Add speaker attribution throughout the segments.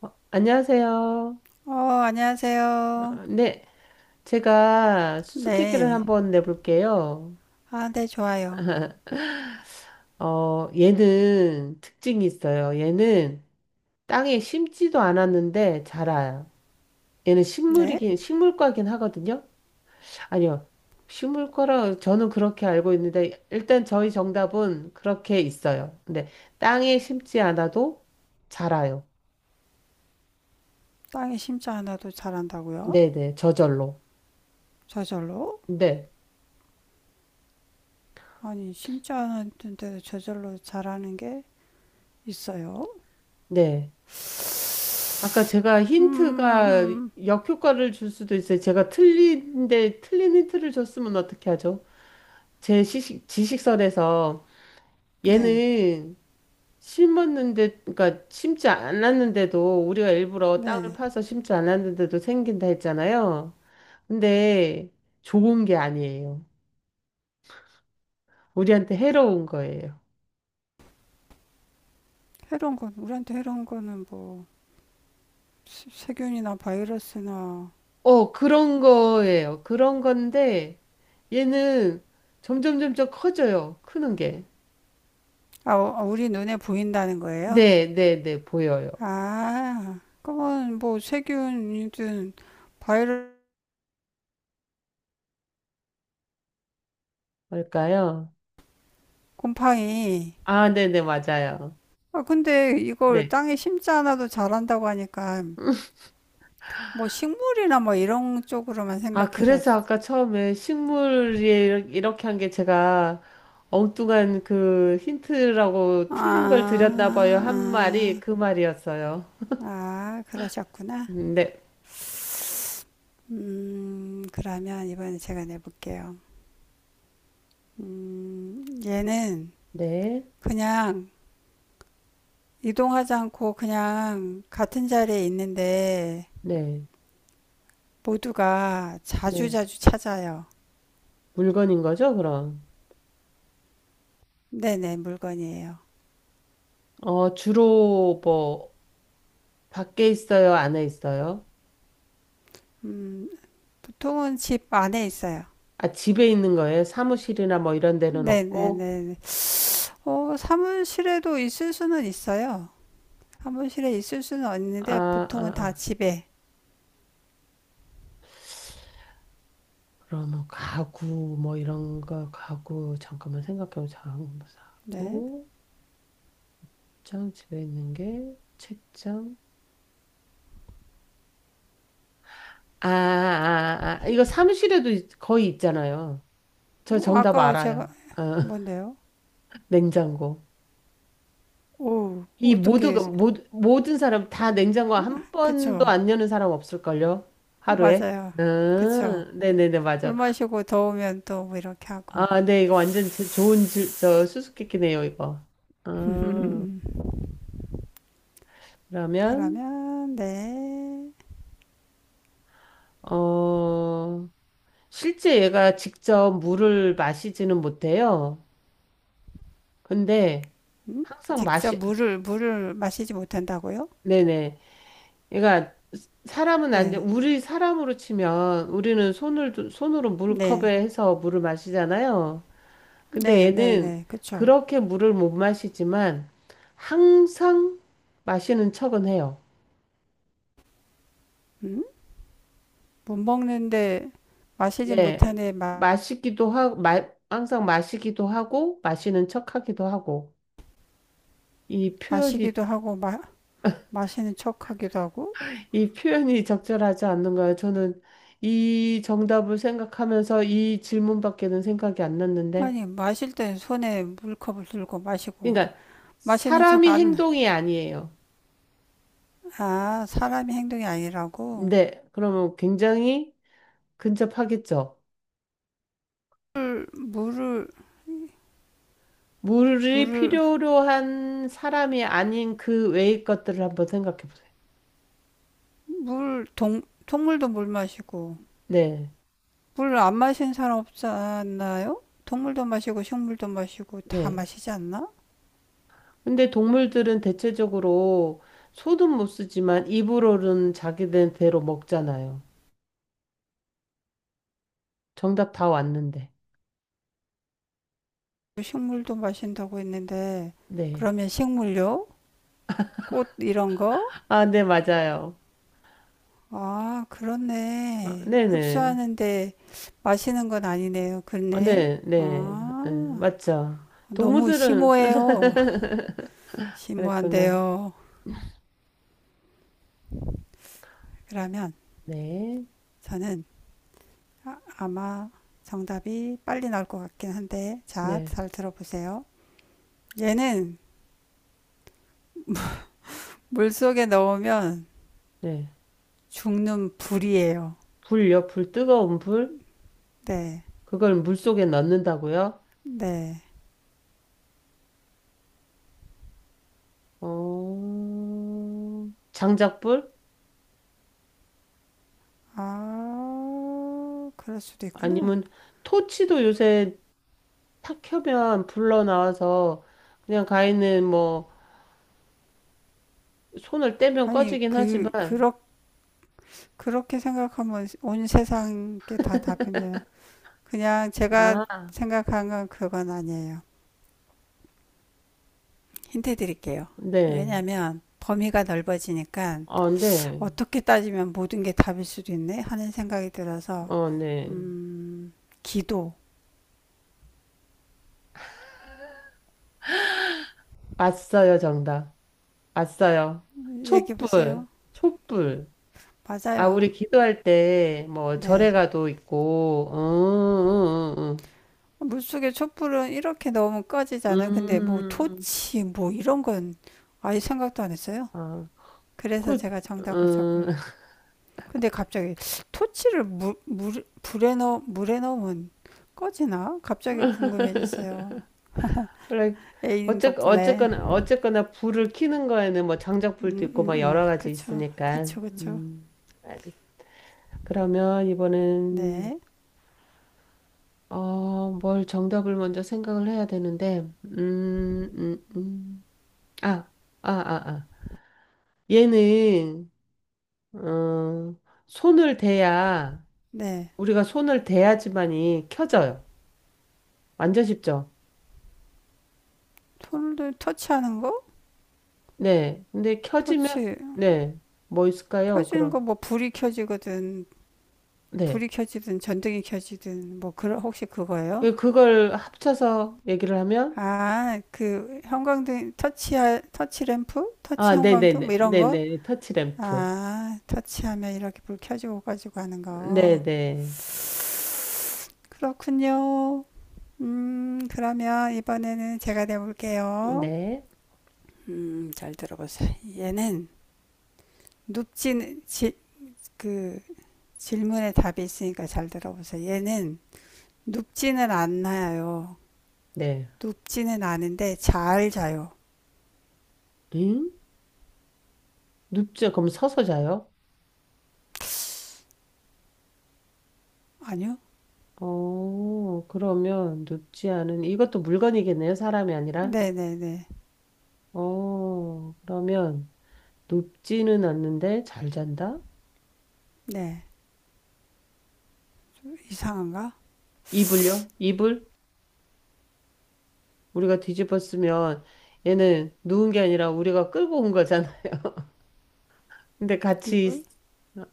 Speaker 1: 안녕하세요.
Speaker 2: 어, 안녕하세요.
Speaker 1: 어, 네, 제가 수수께끼를
Speaker 2: 네.
Speaker 1: 한번 내볼게요.
Speaker 2: 아, 네, 좋아요.
Speaker 1: 얘는 특징이 있어요. 얘는 땅에 심지도 않았는데 자라요. 얘는
Speaker 2: 네.
Speaker 1: 식물과긴 하거든요. 아니요, 식물과라 저는 그렇게 알고 있는데 일단 저희 정답은 그렇게 있어요. 근데 땅에 심지 않아도 자라요.
Speaker 2: 땅에 심지 않아도 자란다고요?
Speaker 1: 네네, 저절로.
Speaker 2: 저절로?
Speaker 1: 네,
Speaker 2: 아니, 심지 않았는데도 저절로 자라는 게 있어요?
Speaker 1: 네. 아까 제가 힌트가
Speaker 2: 음,
Speaker 1: 역효과를 줄 수도 있어요. 제가 틀린데 틀린 힌트를 줬으면 어떻게 하죠? 지식선에서
Speaker 2: 네,
Speaker 1: 얘는 심었는데, 그러니까 심지 않았는데도 우리가 일부러 땅을
Speaker 2: 네.
Speaker 1: 파서 심지 않았는데도 생긴다 했잖아요. 근데 좋은 게 아니에요. 우리한테 해로운 거예요.
Speaker 2: 해로운 건, 우리한테 해로운 거는 뭐, 세균이나 바이러스나,
Speaker 1: 어, 그런 거예요. 그런 건데 얘는 점점 커져요. 크는 게.
Speaker 2: 아, 어, 아, 우리 눈에 보인다는 거예요?
Speaker 1: 네, 네, 네, 보여요.
Speaker 2: 아, 그건 뭐, 세균이든 바이러스,
Speaker 1: 뭘까요?
Speaker 2: 곰팡이,
Speaker 1: 아, 네, 네, 맞아요.
Speaker 2: 아, 근데 이걸
Speaker 1: 네.
Speaker 2: 땅에 심지 않아도 자란다고 하니까 뭐 식물이나 뭐 이런 쪽으로만
Speaker 1: 아,
Speaker 2: 생각해서
Speaker 1: 그래서 아까 처음에 식물이 이렇게 한 게 제가 엉뚱한 그 힌트라고 틀린 걸
Speaker 2: 아,
Speaker 1: 드렸나 봐요. 한 말이
Speaker 2: 아,
Speaker 1: 그 말이었어요.
Speaker 2: 아, 그러셨구나.
Speaker 1: 네,
Speaker 2: 그러면 이번에 제가 내볼게요. 얘는
Speaker 1: 네,
Speaker 2: 그냥 이동하지 않고 그냥 같은 자리에 있는데
Speaker 1: 네,
Speaker 2: 모두가
Speaker 1: 네.
Speaker 2: 자주자주 찾아요.
Speaker 1: 물건인 거죠, 그럼?
Speaker 2: 네네, 물건이에요.
Speaker 1: 어, 주로 뭐, 밖에 있어요? 안에 있어요?
Speaker 2: 음, 보통은 집 안에 있어요.
Speaker 1: 아, 집에 있는 거예요? 사무실이나 뭐 이런 데는 없고?
Speaker 2: 네네네. 어, 사무실에도 있을 수는 있어요. 사무실에 있을 수는
Speaker 1: 아,
Speaker 2: 있는데
Speaker 1: 아,
Speaker 2: 보통은 다
Speaker 1: 아.
Speaker 2: 집에.
Speaker 1: 그럼 뭐 가구 뭐 이런 거 가구 잠깐만 생각해보자. 가구
Speaker 2: 네.
Speaker 1: 사고 장 집에 있는 게 책장. 아, 아, 아 이거 거의 있잖아요. 저
Speaker 2: 뭐
Speaker 1: 정답
Speaker 2: 아까 제가
Speaker 1: 알아요. 어,
Speaker 2: 뭔데요?
Speaker 1: 냉장고.
Speaker 2: 오,
Speaker 1: 이
Speaker 2: 어떻게
Speaker 1: 모든 사람 다 냉장고 한 번도
Speaker 2: 그쵸?
Speaker 1: 안 여는 사람 없을걸요? 하루에.
Speaker 2: 맞아요. 그쵸?
Speaker 1: 네네네
Speaker 2: 물
Speaker 1: 맞아.
Speaker 2: 마시고 더우면 또 뭐 이렇게 하고.
Speaker 1: 아, 네 이거 저 수수께끼네요 이거. 아, 그러면
Speaker 2: 그러면 네.
Speaker 1: 어. 실제 얘가 직접 물을 마시지는 못해요. 근데
Speaker 2: 음?
Speaker 1: 항상
Speaker 2: 직접
Speaker 1: 마시,
Speaker 2: 물을 마시지 못한다고요?
Speaker 1: 네네. 얘가 사람은 안 돼.
Speaker 2: 네.
Speaker 1: 우리 사람으로 치면 우리는 손으로 물컵에
Speaker 2: 네.
Speaker 1: 해서 물을 마시잖아요. 근데
Speaker 2: 네, 네,
Speaker 1: 얘는
Speaker 2: 네. 그쵸?
Speaker 1: 그렇게 물을 못 마시지만 항상 마시는 척은 해요.
Speaker 2: 음? 못 먹는데 마시지
Speaker 1: 네.
Speaker 2: 못하네 마,
Speaker 1: 항상 마시기도 하고, 마시는 척 하기도 하고. 이 표현이
Speaker 2: 마시기도 하고 마, 마시는 척하기도 하고
Speaker 1: 이 표현이 적절하지 않는가요? 저는 이 정답을 생각하면서 이 질문밖에는 생각이 안 났는데.
Speaker 2: 아니 마실 땐 손에 물컵을 들고 마시고
Speaker 1: 그러니까
Speaker 2: 마시는 척
Speaker 1: 사람이
Speaker 2: 안
Speaker 1: 행동이 아니에요.
Speaker 2: 아 사람의 행동이 아니라고
Speaker 1: 네, 그러면 굉장히 근접하겠죠.
Speaker 2: 물 물을
Speaker 1: 물이
Speaker 2: 물을
Speaker 1: 필요로 한 사람이 아닌 그 외의 것들을 한번 생각해 보세요.
Speaker 2: 물 동물도 물 마시고
Speaker 1: 네,
Speaker 2: 물 안 마시는 사람 없지 않나요? 동물도 마시고 식물도 마시고 다
Speaker 1: 네.
Speaker 2: 마시지 않나?
Speaker 1: 근데 동물들은 대체적으로 소는 못 쓰지만 입으로는 자기들대로 먹잖아요. 정답 다 왔는데.
Speaker 2: 식물도 마신다고 했는데
Speaker 1: 네.
Speaker 2: 그러면 식물요? 꽃 이런 거
Speaker 1: 아, 네, 맞아요.
Speaker 2: 아,
Speaker 1: 아,
Speaker 2: 그렇네.
Speaker 1: 네네.
Speaker 2: 흡수하는데 마시는 건 아니네요.
Speaker 1: 아,
Speaker 2: 그렇네.
Speaker 1: 네, 네, 네,
Speaker 2: 아,
Speaker 1: 맞죠.
Speaker 2: 너무
Speaker 1: 동물들은,
Speaker 2: 심오해요.
Speaker 1: 그랬구나.
Speaker 2: 심오한데요. 그러면
Speaker 1: 네,
Speaker 2: 저는 아, 아마 정답이 빨리 나올 것 같긴 한데,
Speaker 1: 네,
Speaker 2: 잘 들어보세요. 얘는 물속에 넣으면
Speaker 1: 네.
Speaker 2: 죽는 불이에요.
Speaker 1: 불요? 불, 뜨거운 불?
Speaker 2: 네,
Speaker 1: 그걸 물속에 넣는다고요?
Speaker 2: 네.
Speaker 1: 어, 장작불?
Speaker 2: 아, 그럴 수도 있구나.
Speaker 1: 아니면 토치도 요새 탁 켜면 불러 나와서 그냥 가인는뭐 손을 떼면
Speaker 2: 아니,
Speaker 1: 꺼지긴 하지만,
Speaker 2: 그렇게 생각하면 온 세상 게 다 답인데 그냥 제가
Speaker 1: 아,
Speaker 2: 생각한 건 그건 아니에요. 힌트 드릴게요.
Speaker 1: 네.
Speaker 2: 왜냐하면 범위가 넓어지니까
Speaker 1: 어, 네.
Speaker 2: 어떻게 따지면 모든 게 답일 수도 있네 하는 생각이 들어서
Speaker 1: 어, 네.
Speaker 2: 음, 기도
Speaker 1: 왔어요, 정답. 왔어요.
Speaker 2: 얘기해 보세요.
Speaker 1: 촛불, 촛불. 아,
Speaker 2: 맞아요.
Speaker 1: 우리 기도할 때, 뭐, 절에
Speaker 2: 네.
Speaker 1: 가도 있고,
Speaker 2: 물속에 촛불은 이렇게 넣으면
Speaker 1: 음,
Speaker 2: 꺼지잖아요. 근데 뭐
Speaker 1: 음, 음.
Speaker 2: 토치 뭐 이런 건 아예 생각도 안 했어요.
Speaker 1: 아,
Speaker 2: 그래서
Speaker 1: 그,
Speaker 2: 제가 정답을
Speaker 1: 음,
Speaker 2: 적을 근데 갑자기 토치를 불에 물에 넣으면 꺼지나? 갑자기 궁금해졌어요.
Speaker 1: 원래,
Speaker 2: 애인 덕분에.
Speaker 1: 어쨌거나, 어쨌거나, 불을 켜는 거에는 뭐, 장작불도
Speaker 2: 음, 음,
Speaker 1: 있고, 막 여러 가지
Speaker 2: 그쵸.
Speaker 1: 있으니까,
Speaker 2: 그쵸, 그쵸.
Speaker 1: 알겠어. 그러면 이번엔,
Speaker 2: 네.
Speaker 1: 어, 뭘 정답을 먼저 생각을 해야 되는데, 음, 음, 음. 아, 아, 아, 아. 얘는 어, 손을 대야
Speaker 2: 네.
Speaker 1: 우리가 손을 대야지만이 켜져요. 완전 쉽죠?
Speaker 2: 토를 터치하는 거?
Speaker 1: 네. 근데 켜지면
Speaker 2: 터치.
Speaker 1: 네. 뭐 있을까요?
Speaker 2: 켜지는 거
Speaker 1: 그럼
Speaker 2: 뭐 불이 켜지거든.
Speaker 1: 네.
Speaker 2: 불이 켜지든 전등이 켜지든 뭐 그런 혹시 그거예요?
Speaker 1: 예, 그걸 합쳐서 얘기를 하면
Speaker 2: 아, 그 형광등 터치 터치 램프, 터치
Speaker 1: 아, 네, 네,
Speaker 2: 형광등
Speaker 1: 네,
Speaker 2: 뭐 이런
Speaker 1: 네,
Speaker 2: 거?
Speaker 1: 네. 터치램프.
Speaker 2: 아, 터치하면 이렇게 불 켜지고 가지고 하는 거.
Speaker 1: 네, 네,
Speaker 2: 그렇군요. 그러면 이번에는 제가 내볼게요.
Speaker 1: 네,
Speaker 2: 잘 들어보세요. 얘는 눕지는 지, 그 질문에 답이 있으니까 잘 들어보세요. 얘는 눕지는 않나요?
Speaker 1: 네.
Speaker 2: 눕지는 않은데 잘 자요.
Speaker 1: 응? 눕지 그럼 서서 자요?
Speaker 2: 아니요?
Speaker 1: 어, 그러면 눕지 않은 이것도 물건이겠네요. 사람이 아니라.
Speaker 2: 네네네.
Speaker 1: 어, 그러면 높지는 않는데 잘 잔다?
Speaker 2: 네. 이상한가?
Speaker 1: 이불요? 이불? 우리가 뒤집어 쓰면 얘는 누운 게 아니라 우리가 끌고 온 거잖아요. 근데 같이
Speaker 2: 이불?
Speaker 1: 있-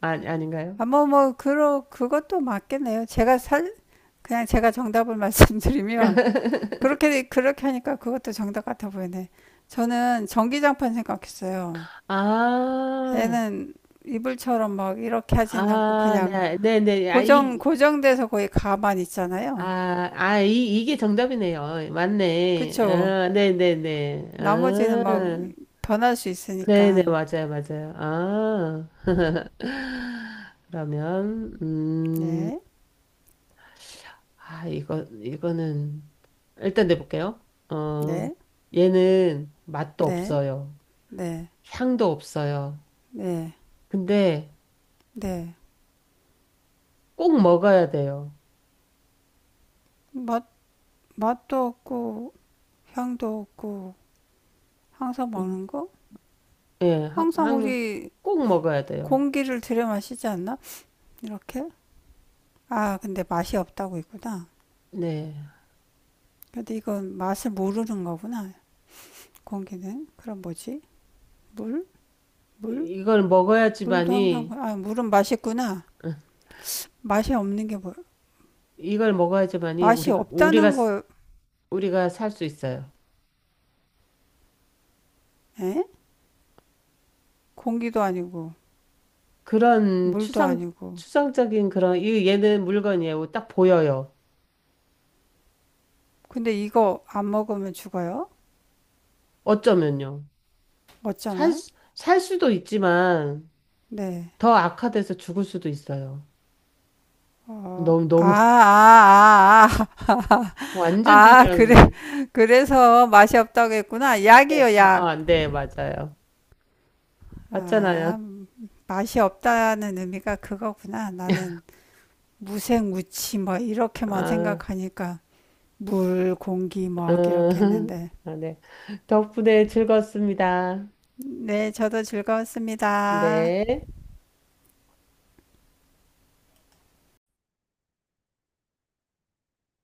Speaker 1: 아, 아닌가요?
Speaker 2: 아, 그것도 맞겠네요. 제가 살, 그냥 제가 정답을 말씀드리면 그렇게 하니까 그것도 정답 같아 보이네. 저는 전기장판 생각했어요.
Speaker 1: 아,
Speaker 2: 얘는 이불처럼 막 이렇게 하진 않고
Speaker 1: 아,
Speaker 2: 그냥
Speaker 1: 네, 네, 네. 아,
Speaker 2: 고정
Speaker 1: 이,
Speaker 2: 고정돼서 거의 가만 있잖아요.
Speaker 1: 아, 아, 이, 이게 정답이네요. 맞네.
Speaker 2: 그쵸?
Speaker 1: 아, 네, 네, 네.
Speaker 2: 나머지는 막
Speaker 1: 아,
Speaker 2: 변할 수
Speaker 1: 네, 네,
Speaker 2: 있으니까.
Speaker 1: 맞아요, 맞아요. 아, 그러면,
Speaker 2: 네,
Speaker 1: 이거는, 일단 내볼게요. 어,
Speaker 2: 네,
Speaker 1: 얘는 맛도
Speaker 2: 네,
Speaker 1: 없어요.
Speaker 2: 네,
Speaker 1: 향도 없어요.
Speaker 2: 네,
Speaker 1: 근데
Speaker 2: 네.
Speaker 1: 꼭 먹어야 돼요.
Speaker 2: 맛 맛도 없고 향도 없고 항상
Speaker 1: 음,
Speaker 2: 먹는 거?
Speaker 1: 예, 항,
Speaker 2: 항상
Speaker 1: 항-
Speaker 2: 우리
Speaker 1: 꼭 먹어야 돼요.
Speaker 2: 공기를 들여 마시지 않나? 이렇게? 아, 근데 맛이 없다고 있구나.
Speaker 1: 네.
Speaker 2: 근데 이건 맛을 모르는 거구나. 공기는. 그럼 뭐지? 물? 물?
Speaker 1: 이걸
Speaker 2: 물도 항상,
Speaker 1: 먹어야지만이,
Speaker 2: 아, 물은 맛있구나. 맛이 없는 게 뭐,
Speaker 1: 이걸 먹어야지만이
Speaker 2: 맛이 없다는 거,
Speaker 1: 우리가 살 수 있어요.
Speaker 2: 에? 공기도 아니고,
Speaker 1: 그런
Speaker 2: 물도
Speaker 1: 추상,
Speaker 2: 아니고.
Speaker 1: 추상적인 그런, 이, 얘는 물건이에요. 딱 보여요.
Speaker 2: 근데 이거 안 먹으면 죽어요?
Speaker 1: 어쩌면요.
Speaker 2: 어쩌면?
Speaker 1: 살 수도 있지만,
Speaker 2: 네.
Speaker 1: 더 악화돼서 죽을 수도 있어요.
Speaker 2: 어,
Speaker 1: 너무,
Speaker 2: 아,
Speaker 1: 너무,
Speaker 2: 아, 아,
Speaker 1: 완전
Speaker 2: 아, 아,
Speaker 1: 중요한
Speaker 2: 그래,
Speaker 1: 건데.
Speaker 2: 그래서 맛이 없다고 했구나.
Speaker 1: 네.
Speaker 2: 약이요, 약.
Speaker 1: 아, 네, 맞아요. 맞잖아요.
Speaker 2: 아, 맛이 없다는 의미가 그거구나. 나는 무생무치 뭐 이렇게만
Speaker 1: 아,
Speaker 2: 생각하니까 물, 공기,
Speaker 1: 음,
Speaker 2: 먹 이렇게 했는데.
Speaker 1: 아, 네. 덕분에 즐거웠습니다.
Speaker 2: 네, 저도 즐거웠습니다.
Speaker 1: 네.